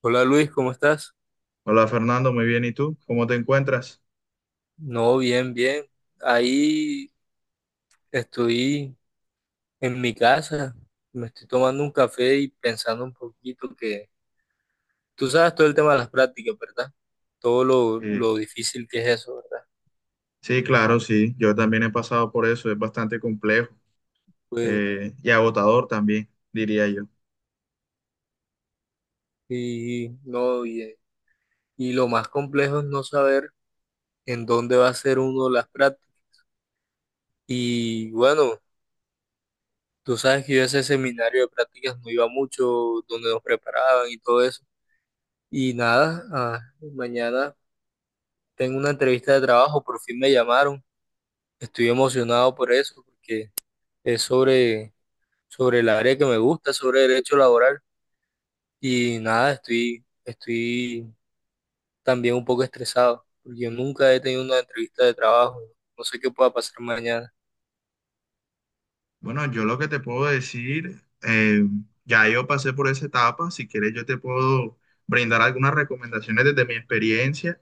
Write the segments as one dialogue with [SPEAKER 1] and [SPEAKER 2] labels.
[SPEAKER 1] Hola Luis, ¿cómo estás?
[SPEAKER 2] Hola Fernando, muy bien. ¿Y tú? ¿Cómo te encuentras?
[SPEAKER 1] No, bien, bien. Ahí estoy en mi casa, me estoy tomando un café y pensando un poquito que tú sabes todo el tema de las prácticas, ¿verdad? Todo lo,
[SPEAKER 2] Eh,
[SPEAKER 1] lo difícil que es eso, ¿verdad?
[SPEAKER 2] sí, claro, sí. Yo también he pasado por eso. Es bastante complejo
[SPEAKER 1] Pues,
[SPEAKER 2] y agotador también, diría yo.
[SPEAKER 1] y no, y lo más complejo es no saber en dónde va a ser uno las prácticas. Y bueno, tú sabes que yo a ese seminario de prácticas no iba mucho, donde nos preparaban y todo eso. Y nada, mañana. Tengo una entrevista de trabajo, por fin me llamaron. Estoy emocionado por eso, porque es sobre el área que me gusta, sobre derecho laboral. Y nada, estoy también un poco estresado, porque yo nunca he tenido una entrevista de trabajo. No sé qué pueda pasar mañana.
[SPEAKER 2] Bueno, yo lo que te puedo decir, ya yo pasé por esa etapa. Si quieres, yo te puedo brindar algunas recomendaciones desde mi experiencia.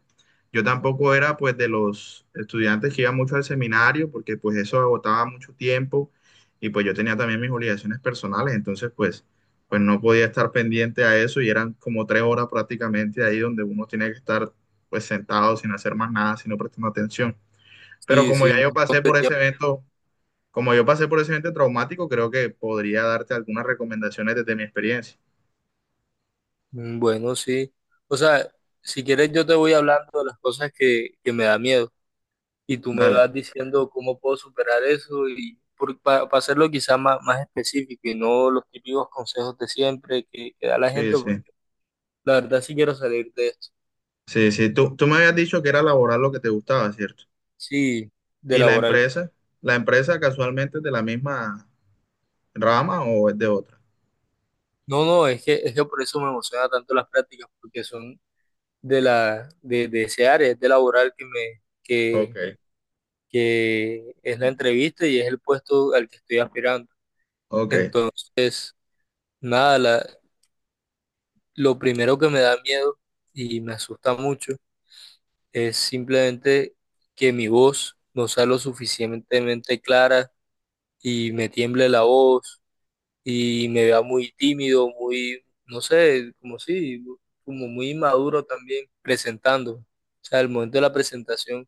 [SPEAKER 2] Yo tampoco era pues de los estudiantes que iban mucho al seminario porque pues eso agotaba mucho tiempo, y pues yo tenía también mis obligaciones personales, entonces pues, pues no podía estar pendiente a eso, y eran como tres horas prácticamente ahí donde uno tiene que estar pues sentado sin hacer más nada, sino prestando atención. Pero
[SPEAKER 1] Sí,
[SPEAKER 2] como
[SPEAKER 1] sí,
[SPEAKER 2] ya
[SPEAKER 1] un
[SPEAKER 2] yo
[SPEAKER 1] montón
[SPEAKER 2] pasé
[SPEAKER 1] de
[SPEAKER 2] por ese
[SPEAKER 1] tiempo.
[SPEAKER 2] evento, traumático, creo que podría darte algunas recomendaciones desde mi experiencia.
[SPEAKER 1] Mm. Bueno, sí. O sea, si quieres yo te voy hablando de las cosas que me da miedo, y tú me
[SPEAKER 2] Dale.
[SPEAKER 1] vas diciendo cómo puedo superar eso y para hacerlo quizá más específico y no los típicos consejos de siempre que da la
[SPEAKER 2] Sí,
[SPEAKER 1] gente,
[SPEAKER 2] sí.
[SPEAKER 1] porque la verdad sí quiero salir de esto,
[SPEAKER 2] Sí, sí. Tú me habías dicho que era laboral lo que te gustaba, ¿cierto?
[SPEAKER 1] sí, de
[SPEAKER 2] ¿Y la
[SPEAKER 1] laboral.
[SPEAKER 2] empresa? ¿La empresa casualmente es de la misma rama o es de otra?
[SPEAKER 1] No, es que por eso me emociona tanto las prácticas, porque son de de ese área, es de laboral
[SPEAKER 2] Ok.
[SPEAKER 1] que es la entrevista y es el puesto al que estoy aspirando.
[SPEAKER 2] Ok.
[SPEAKER 1] Entonces, nada, lo primero que me da miedo y me asusta mucho es simplemente que mi voz no sea lo suficientemente clara y me tiemble la voz y me vea muy tímido, muy, no sé, como si, como muy inmaduro también presentando. O sea, el momento de la presentación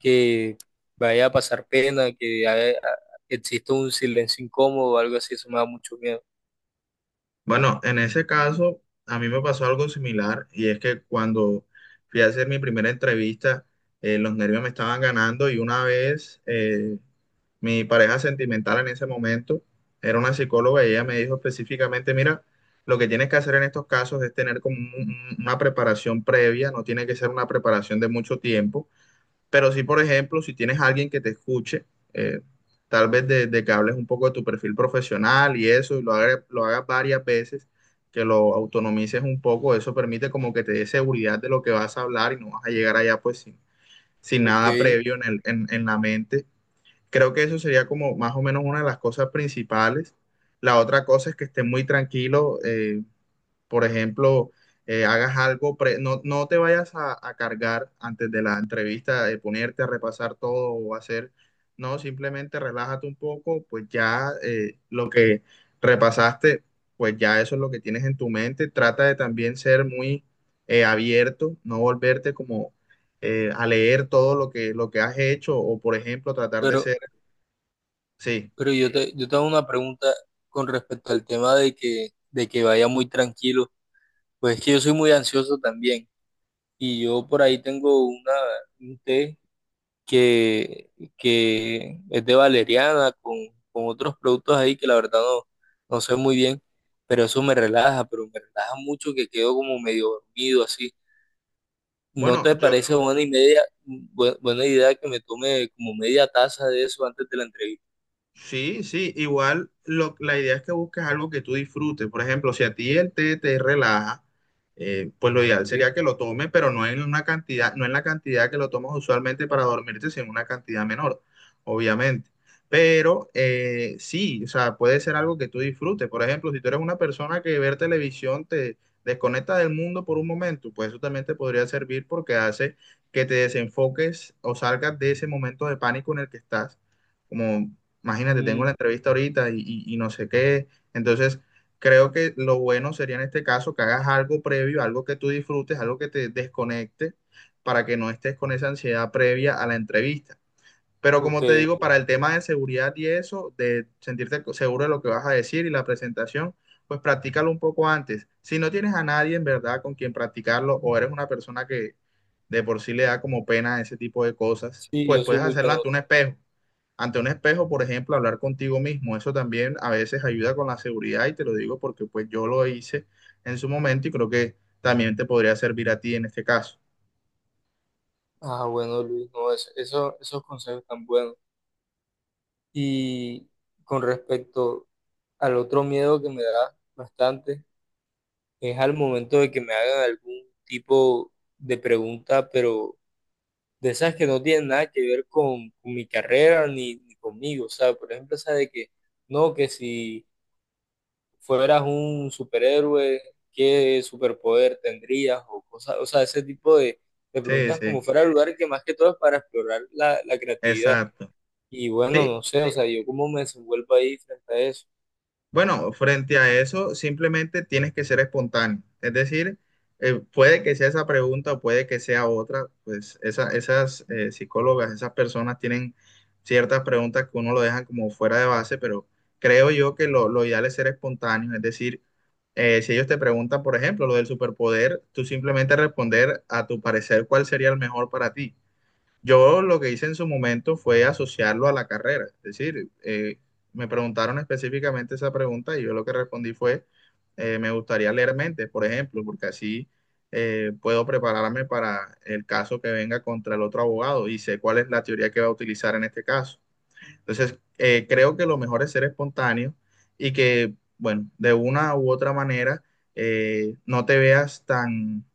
[SPEAKER 1] que vaya a pasar pena, exista un silencio incómodo o algo así, eso me da mucho miedo.
[SPEAKER 2] Bueno, en ese caso, a mí me pasó algo similar, y es que cuando fui a hacer mi primera entrevista, los nervios me estaban ganando, y una vez mi pareja sentimental en ese momento era una psicóloga, y ella me dijo específicamente, mira, lo que tienes que hacer en estos casos es tener como una preparación previa, no tiene que ser una preparación de mucho tiempo. Pero sí, por ejemplo, si tienes a alguien que te escuche, eh, tal vez de que hables un poco de tu perfil profesional y eso, y lo hagas varias veces, que lo autonomices un poco, eso permite como que te dé seguridad de lo que vas a hablar, y no vas a llegar allá pues sin, sin
[SPEAKER 1] Ok,
[SPEAKER 2] nada previo en en la mente. Creo que eso sería como más o menos una de las cosas principales. La otra cosa es que estés muy tranquilo, por ejemplo, hagas algo, no, no te vayas a cargar antes de la entrevista, de ponerte a repasar todo o hacer, no, simplemente relájate un poco, pues ya lo que repasaste, pues ya eso es lo que tienes en tu mente. Trata de también ser muy abierto, no volverte como a leer todo lo que has hecho o, por ejemplo, tratar de
[SPEAKER 1] pero,
[SPEAKER 2] ser, sí.
[SPEAKER 1] yo te hago una pregunta con respecto al tema de de que vaya muy tranquilo. Pues es que yo soy muy ansioso también y yo por ahí tengo un té que, que es de valeriana con otros productos ahí que la verdad no, no sé muy bien, pero eso me relaja, pero me relaja mucho que quedo como medio dormido así. ¿No
[SPEAKER 2] Bueno,
[SPEAKER 1] te
[SPEAKER 2] yo
[SPEAKER 1] parece buena y media, bu- buena idea que me tome como media taza de eso antes de la entrevista?
[SPEAKER 2] sí, sí, igual la idea es que busques algo que tú disfrutes. Por ejemplo, si a ti el té te relaja, pues lo ideal
[SPEAKER 1] Sí.
[SPEAKER 2] sería que lo tomes, pero no en una cantidad, no en la cantidad que lo tomas usualmente para dormirte, sino en una cantidad menor, obviamente. Pero sí, o sea, puede ser algo que tú disfrutes. Por ejemplo, si tú eres una persona que ver televisión te desconecta del mundo por un momento, pues eso también te podría servir, porque hace que te desenfoques o salgas de ese momento de pánico en el que estás como imagínate, tengo la
[SPEAKER 1] Mm,
[SPEAKER 2] entrevista ahorita y, y no sé qué. Entonces, creo que lo bueno sería en este caso que hagas algo previo, algo que tú disfrutes, algo que te desconecte para que no estés con esa ansiedad previa a la entrevista. Pero
[SPEAKER 1] ok,
[SPEAKER 2] como te digo,
[SPEAKER 1] ok.
[SPEAKER 2] para el tema de seguridad y eso, de sentirte seguro de lo que vas a decir y la presentación, pues practícalo un poco antes. Si no tienes a nadie en verdad con quien practicarlo, o eres una persona que de por sí le da como pena ese tipo de cosas,
[SPEAKER 1] Sí,
[SPEAKER 2] pues
[SPEAKER 1] yo soy
[SPEAKER 2] puedes
[SPEAKER 1] muy
[SPEAKER 2] hacerlo ante
[SPEAKER 1] penoso.
[SPEAKER 2] un espejo. Ante un espejo, por ejemplo, hablar contigo mismo, eso también a veces ayuda con la seguridad, y te lo digo porque pues yo lo hice en su momento, y creo que también te podría servir a ti en este caso.
[SPEAKER 1] Ah, bueno, Luis, no, eso, esos consejos tan buenos. Y con respecto al otro miedo que me da bastante, es al momento de que me hagan algún tipo de pregunta, pero de esas que no tienen nada que ver con mi carrera ni conmigo. O sea, por ejemplo, esa de que no, que si fueras un superhéroe, ¿qué superpoder tendrías? O cosas, o sea, ese tipo de
[SPEAKER 2] Sí,
[SPEAKER 1] preguntas
[SPEAKER 2] sí,
[SPEAKER 1] como fuera el lugar que más que todo es para explorar la creatividad.
[SPEAKER 2] exacto.
[SPEAKER 1] Y bueno,
[SPEAKER 2] Sí,
[SPEAKER 1] no sé, o sea, yo cómo me desenvuelvo ahí frente a eso.
[SPEAKER 2] bueno, frente a eso, simplemente tienes que ser espontáneo. Es decir, puede que sea esa pregunta o puede que sea otra, pues esas psicólogas, esas personas tienen ciertas preguntas que uno lo dejan como fuera de base, pero creo yo que lo ideal es ser espontáneo. Es decir, si ellos te preguntan, por ejemplo, lo del superpoder, tú simplemente responder a tu parecer cuál sería el mejor para ti. Yo lo que hice en su momento fue asociarlo a la carrera. Es decir, me preguntaron específicamente esa pregunta, y yo lo que respondí fue, me gustaría leer mentes, por ejemplo, porque así puedo prepararme para el caso que venga contra el otro abogado, y sé cuál es la teoría que va a utilizar en este caso. Entonces, creo que lo mejor es ser espontáneo, y que, bueno, de una u otra manera no te veas tan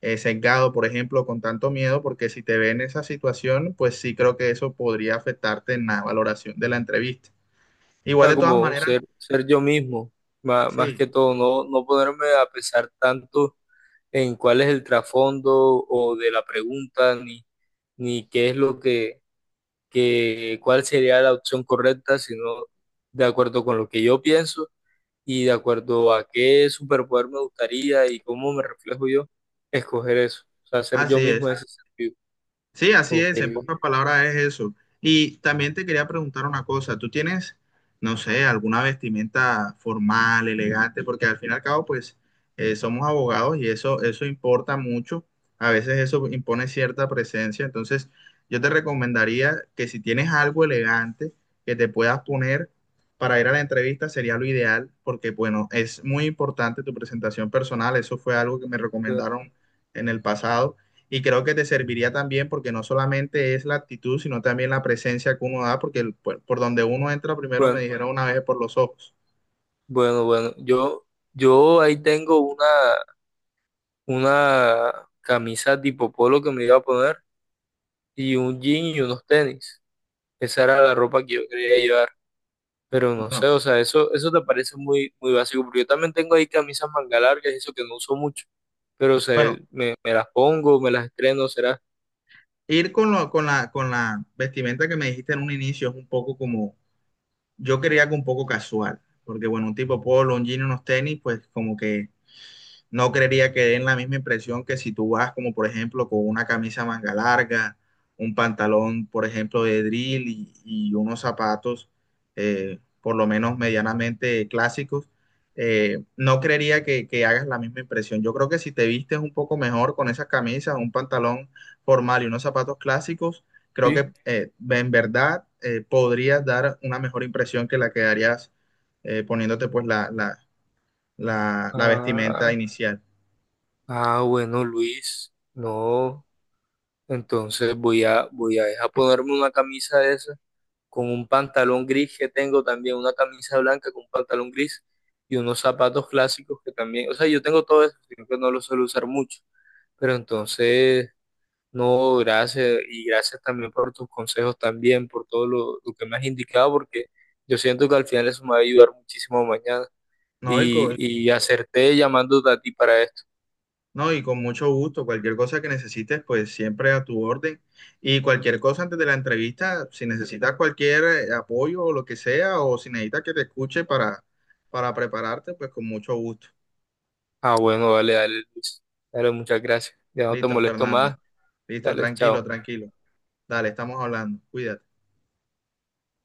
[SPEAKER 2] sesgado, por ejemplo, con tanto miedo, porque si te ven en esa situación, pues sí creo que eso podría afectarte en la valoración de la entrevista.
[SPEAKER 1] O
[SPEAKER 2] Igual
[SPEAKER 1] sea,
[SPEAKER 2] de todas Wow.
[SPEAKER 1] como
[SPEAKER 2] maneras,
[SPEAKER 1] ser yo mismo, más
[SPEAKER 2] sí,
[SPEAKER 1] que todo, no, no ponerme a pensar tanto en cuál es el trasfondo o de la pregunta, ni qué es lo que cuál sería la opción correcta, sino de acuerdo con lo que yo pienso y de acuerdo a qué superpoder me gustaría y cómo me reflejo yo, escoger eso. O sea, ser yo
[SPEAKER 2] así
[SPEAKER 1] mismo en
[SPEAKER 2] es.
[SPEAKER 1] ese sentido.
[SPEAKER 2] Sí, así
[SPEAKER 1] Ok.
[SPEAKER 2] es, en pocas palabras es eso. Y también te quería preguntar una cosa, ¿tú tienes, no sé, alguna vestimenta formal, elegante? Porque al fin y al cabo, pues, somos abogados y eso importa mucho. A veces eso impone cierta presencia. Entonces, yo te recomendaría que si tienes algo elegante que te puedas poner para ir a la entrevista, sería lo ideal, porque, bueno, es muy importante tu presentación personal. Eso fue algo que me recomendaron en el pasado, y creo que te serviría también, porque no solamente es la actitud, sino también la presencia que uno da, porque por donde uno entra primero, me
[SPEAKER 1] Bueno,
[SPEAKER 2] dijeron una vez, es por los ojos.
[SPEAKER 1] bueno, yo ahí tengo una camisa tipo polo que me iba a poner y un jean y unos tenis. Esa era la ropa que yo quería llevar. Pero no
[SPEAKER 2] Bueno,
[SPEAKER 1] sé, o sea, eso te parece muy básico, porque yo también tengo ahí camisas manga largas y eso que no uso mucho, pero
[SPEAKER 2] bueno,
[SPEAKER 1] me las pongo, me las estreno, será.
[SPEAKER 2] ir con, con con la vestimenta que me dijiste en un inicio es un poco como, yo quería algo un poco casual, porque bueno, un tipo polo, un jean, y unos tenis, pues como que no creería que den la misma impresión que si tú vas como por ejemplo con una camisa manga larga, un pantalón por ejemplo de drill y unos zapatos por lo menos medianamente clásicos, no creería que hagas la misma impresión. Yo creo que si te vistes un poco mejor con esas camisas, un pantalón formal y unos zapatos clásicos, creo que
[SPEAKER 1] Sí.
[SPEAKER 2] en verdad podrías dar una mejor impresión que la que darías poniéndote pues la la vestimenta
[SPEAKER 1] Ah,
[SPEAKER 2] inicial.
[SPEAKER 1] bueno, Luis, no. Entonces voy a dejar ponerme una camisa de esa con un pantalón gris que tengo también, una camisa blanca con un pantalón gris y unos zapatos clásicos que también, o sea, yo tengo todo eso, sino que no lo suelo usar mucho, pero entonces, no, gracias y gracias también por tus consejos también, por todo lo que me has indicado, porque yo siento que al final eso me va a ayudar muchísimo mañana
[SPEAKER 2] No, y con,
[SPEAKER 1] y acerté llamándote a ti para esto.
[SPEAKER 2] no, y con mucho gusto. Cualquier cosa que necesites, pues siempre a tu orden. Y cualquier cosa antes de la entrevista, si necesitas cualquier apoyo o lo que sea, o si necesitas que te escuche para prepararte, pues con mucho gusto.
[SPEAKER 1] Ah, bueno, dale, dale, Luis. Dale, muchas gracias. Ya no te
[SPEAKER 2] Listo,
[SPEAKER 1] molesto
[SPEAKER 2] Fernando.
[SPEAKER 1] más.
[SPEAKER 2] Listo,
[SPEAKER 1] Dale,
[SPEAKER 2] tranquilo,
[SPEAKER 1] chao.
[SPEAKER 2] tranquilo. Dale, estamos hablando. Cuídate.